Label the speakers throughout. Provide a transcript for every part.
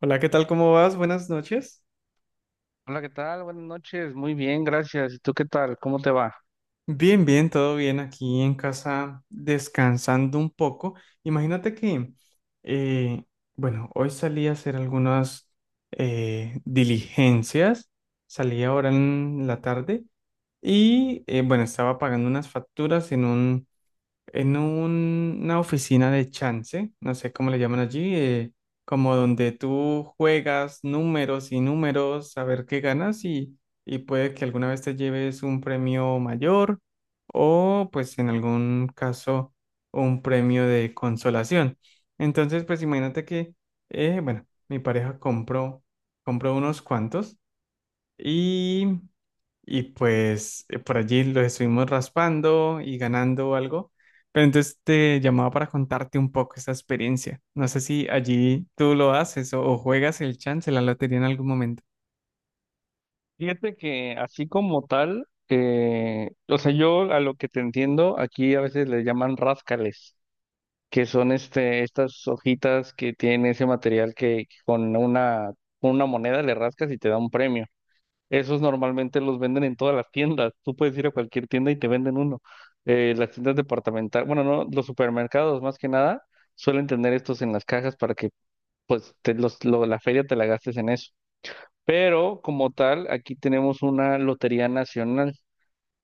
Speaker 1: Hola, ¿qué tal? ¿Cómo vas? Buenas noches.
Speaker 2: Hola, ¿qué tal? Buenas noches, muy bien, gracias. ¿Y tú qué tal? ¿Cómo te va?
Speaker 1: Bien, bien, todo bien aquí en casa, descansando un poco. Imagínate que, eh, bueno, hoy salí a hacer algunas diligencias, salí ahora en la tarde y, bueno, estaba pagando unas facturas en un, una oficina de chance, no sé cómo le llaman allí, como donde tú juegas números y números a ver qué ganas y puede que alguna vez te lleves un premio mayor o pues en algún caso un premio de consolación. Entonces, pues imagínate que, bueno, mi pareja compró, unos cuantos. y y pues por allí lo estuvimos raspando y ganando algo. Pero entonces te llamaba para contarte un poco esa experiencia. No sé si allí tú lo haces o juegas el chance, la lotería en algún momento.
Speaker 2: Fíjate que así como tal, o sea, yo a lo que te entiendo, aquí a veces le llaman ráscales, que son estas hojitas que tienen ese material que con con una moneda le rascas y te da un premio. Esos normalmente los venden en todas las tiendas. Tú puedes ir a cualquier tienda y te venden uno. Las tiendas departamentales, bueno, no, los supermercados más que nada, suelen tener estos en las cajas para que pues la feria te la gastes en eso. Pero como tal, aquí tenemos una lotería nacional,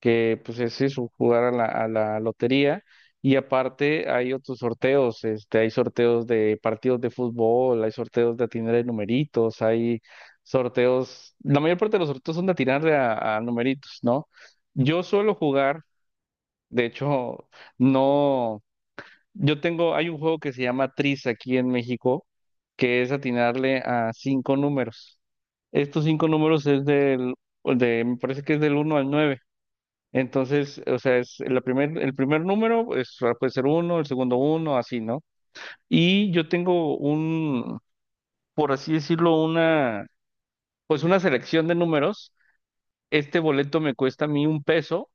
Speaker 2: que pues es eso, jugar a la lotería. Y aparte hay otros sorteos, hay sorteos de partidos de fútbol, hay sorteos de atinar de numeritos, la mayor parte de los sorteos son de atinar de a numeritos, ¿no? Yo suelo jugar, de hecho, no. Hay un juego que se llama Tris aquí en México, que es atinarle a cinco números. Estos cinco números es me parece que es del uno al 9. Entonces, o sea, es el primer número pues, puede ser uno, el segundo uno, así, ¿no? Y yo tengo por así decirlo, pues una selección de números. Este boleto me cuesta a mí 1 peso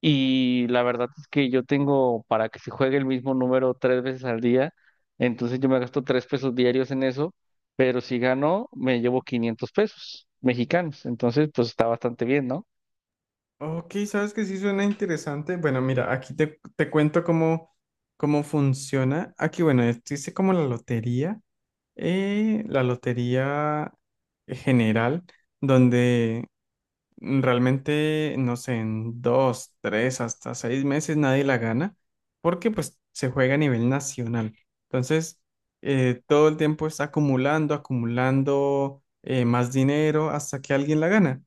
Speaker 2: y la verdad es que yo tengo para que se juegue el mismo número tres veces al día, entonces yo me gasto 3 pesos diarios en eso, pero si gano me llevo 500 pesos mexicanos, entonces pues está bastante bien, ¿no?
Speaker 1: Ok, sabes que sí suena interesante. Bueno, mira, aquí te cuento cómo funciona. Aquí, bueno, existe como la lotería, eh, la lotería general, donde realmente, no sé, en 2, 3, hasta 6 meses nadie la gana, porque pues se juega a nivel nacional. Entonces, todo el tiempo está acumulando, acumulando más dinero hasta que alguien la gana.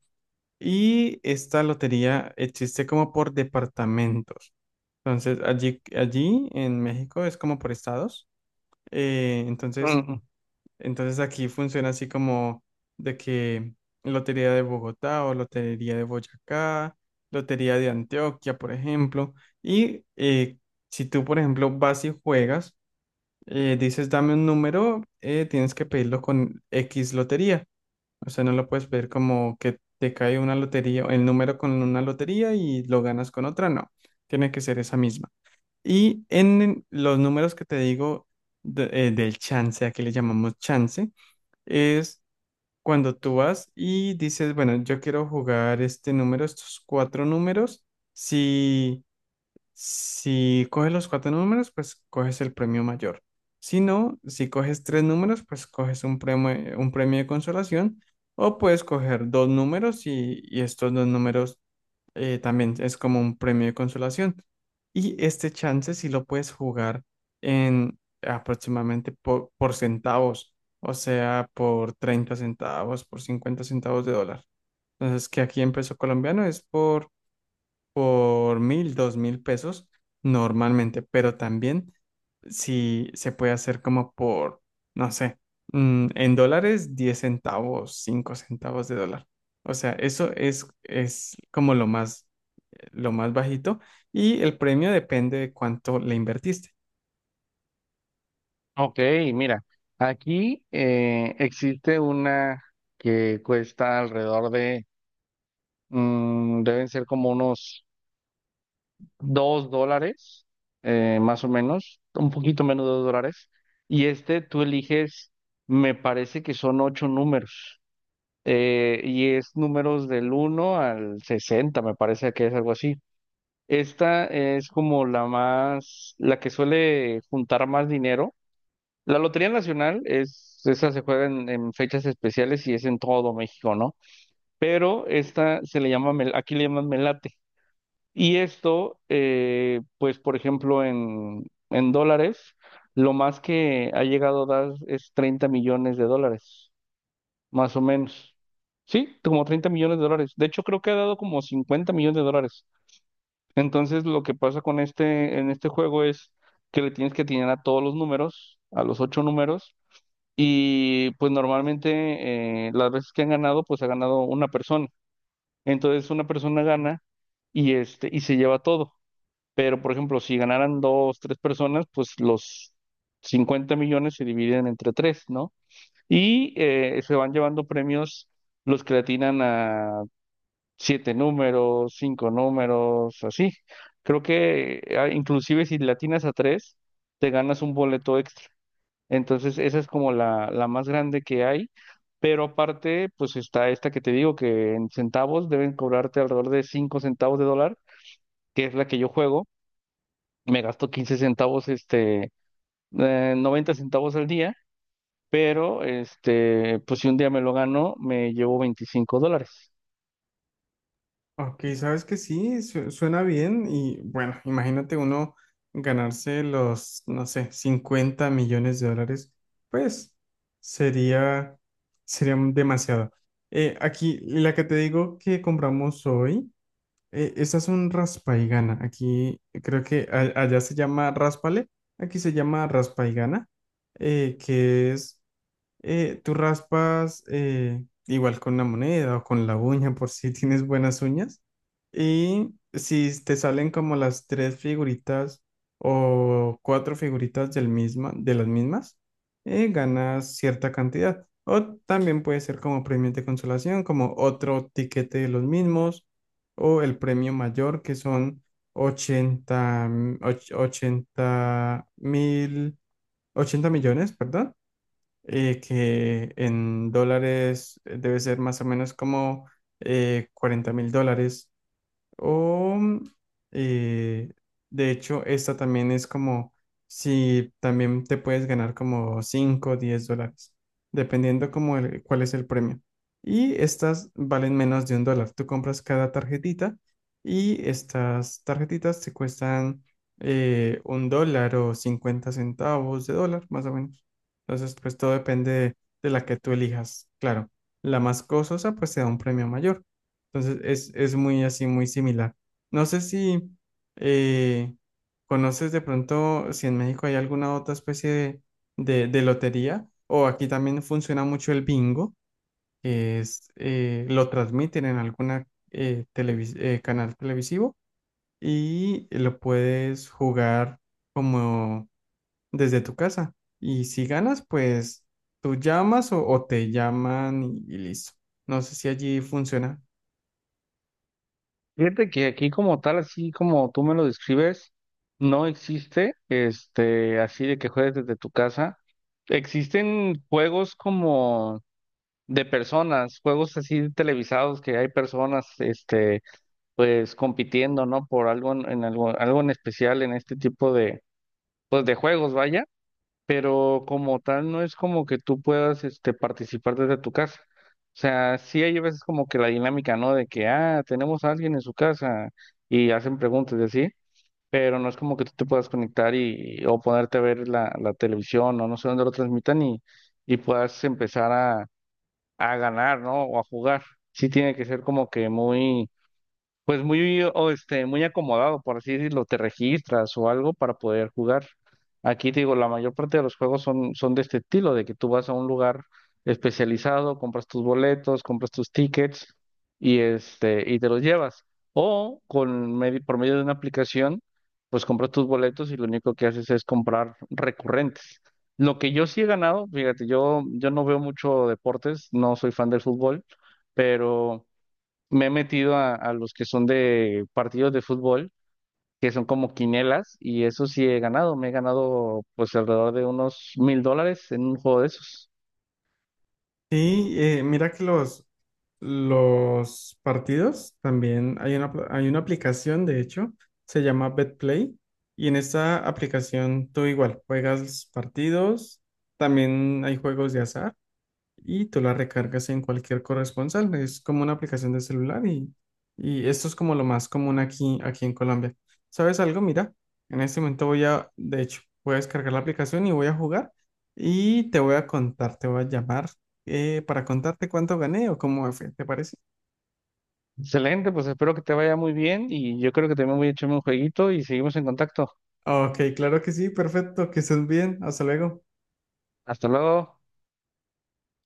Speaker 1: Y esta lotería existe como por departamentos. Entonces, allí en México es como por estados. Eh, entonces,
Speaker 2: Mm.
Speaker 1: entonces, aquí funciona así como de que Lotería de Bogotá o Lotería de Boyacá, Lotería de Antioquia, por ejemplo. Y si tú, por ejemplo, vas y juegas, dices, dame un número, tienes que pedirlo con X lotería. O sea, no lo puedes pedir como que te cae una lotería, el número con una lotería y lo ganas con otra. No, tiene que ser esa misma. Y en los números que te digo del chance, aquí le llamamos chance es cuando tú vas y dices, bueno, yo quiero jugar este número, estos cuatro números. Si si coges los cuatro números, pues coges el premio mayor. Si no, si coges tres números, pues coges un premio de consolación o puedes coger dos números y estos dos números también es como un premio de consolación. Y este chance sí lo puedes jugar en aproximadamente por centavos, o sea, por 30 centavos, por 50 centavos de dólar. Entonces, que aquí en peso colombiano es por 1.000, 2.000 pesos normalmente, pero también si se puede hacer como por, no sé, en dólares, 10 centavos, 5 centavos de dólar. O sea, eso es como lo más bajito y el premio depende de cuánto le invertiste.
Speaker 2: Ok, mira, aquí existe una que cuesta deben ser como unos 2 dólares, más o menos, un poquito menos de 2 dólares. Y tú eliges, me parece que son ocho números. Y es números del 1 al 60, me parece que es algo así. Esta es como la que suele juntar más dinero. La Lotería Nacional esa se juega en fechas especiales y es en todo México, ¿no? Pero esta se le llama, mel- aquí le llaman melate. Y esto, pues por ejemplo, en dólares, lo más que ha llegado a dar es 30 millones de dólares, más o menos. Sí, como 30 millones de dólares. De hecho, creo que ha dado como 50 millones de dólares. Entonces, lo que pasa en este juego es que le tienes que atinar a todos los números, a los ocho números, y pues normalmente, las veces que han ganado, pues ha ganado una persona. Entonces, una persona gana y se lleva todo. Pero, por ejemplo, si ganaran dos, tres personas, pues los 50 millones se dividen entre tres, ¿no? Y se van llevando premios los que le atinan a siete números, cinco números, así. Creo que, inclusive si le atinas a tres, te ganas un boleto extra. Entonces, esa es como la más grande que hay. Pero aparte, pues está esta que te digo, que en centavos deben cobrarte alrededor de 5 centavos de dólar, que es la que yo juego. Me gasto 15 centavos, 90 centavos al día, pero pues si un día me lo gano, me llevo $25.
Speaker 1: Ok, sabes que sí, suena bien y bueno, imagínate uno ganarse los, no sé, 50 millones de dólares, pues sería, sería demasiado. Aquí, la que te digo que compramos hoy, esta es un raspa y gana. Aquí creo que allá se llama raspale, aquí se llama raspa y gana, que es tú raspas igual con una moneda o con la uña por si tienes buenas uñas. Y si te salen como las tres figuritas o cuatro figuritas de las mismas, ganas cierta cantidad. O también puede ser como premios de consolación, como otro tiquete de los mismos, o el premio mayor, que son 80 80.000, 80 millones, perdón, que en dólares debe ser más o menos como 40.000 dólares. O, eh, de hecho, esta también es como si también te puedes ganar como cinco o 10 dólares, dependiendo como cuál es el premio. Y estas valen menos de $1. Tú compras cada tarjetita y estas tarjetitas te cuestan $1 o 50 centavos de dólar, más o menos. Entonces, pues todo depende de la que tú elijas. Claro, la más costosa pues te da un premio mayor. Entonces es muy así, muy similar. No sé si eh, conoces de pronto si en México hay alguna otra especie de, de lotería o aquí también funciona mucho el bingo, que es, lo transmiten en alguna canal televisivo y lo puedes jugar como desde tu casa. Y si ganas, pues tú llamas o te llaman y listo. No sé si allí funciona.
Speaker 2: Fíjate que aquí como tal, así como tú me lo describes, no existe, así de que juegues desde tu casa. Existen juegos como de personas, juegos así televisados que hay personas, pues compitiendo, ¿no? Por algo en algo en especial en este tipo de juegos, vaya. Pero como tal no es como que tú puedas participar desde tu casa. O sea, sí hay veces como que la dinámica, ¿no? De que, tenemos a alguien en su casa y hacen preguntas y así, pero no es como que tú te puedas conectar y, o ponerte a ver la televisión o no sé dónde lo transmitan y puedas empezar a ganar, ¿no? O a jugar. Sí tiene que ser como que muy pues muy, o este, muy acomodado, por así decirlo, te registras o algo para poder jugar. Aquí te digo, la mayor parte de los juegos son de este estilo, de que tú vas a un lugar especializado, compras tus boletos, compras tus tickets y te los llevas. O con por medio de una aplicación, pues compras tus boletos y lo único que haces es comprar recurrentes. Lo que yo sí he ganado, fíjate, yo no veo mucho deportes, no soy fan del fútbol, pero me he metido a los que son de partidos de fútbol, que son como quinielas, y eso sí he ganado. Me he ganado pues alrededor de unos 1,000 dólares en un juego de esos.
Speaker 1: Sí, mira que los partidos también hay una aplicación, de hecho, se llama BetPlay, y en esta aplicación tú igual juegas partidos, también hay juegos de azar y tú la recargas en cualquier corresponsal. Es como una aplicación de celular y esto es como lo más común aquí en Colombia. ¿Sabes algo? Mira, en este momento voy a, de hecho, voy a descargar la aplicación y voy a jugar y te voy a contar, te voy a llamar para contarte cuánto gané o cómo me fue, ¿te parece?
Speaker 2: Excelente, pues espero que te vaya muy bien y yo creo que también voy a echarme un jueguito y seguimos en contacto.
Speaker 1: Ok, claro que sí, perfecto, que estés bien, hasta luego.
Speaker 2: Hasta luego.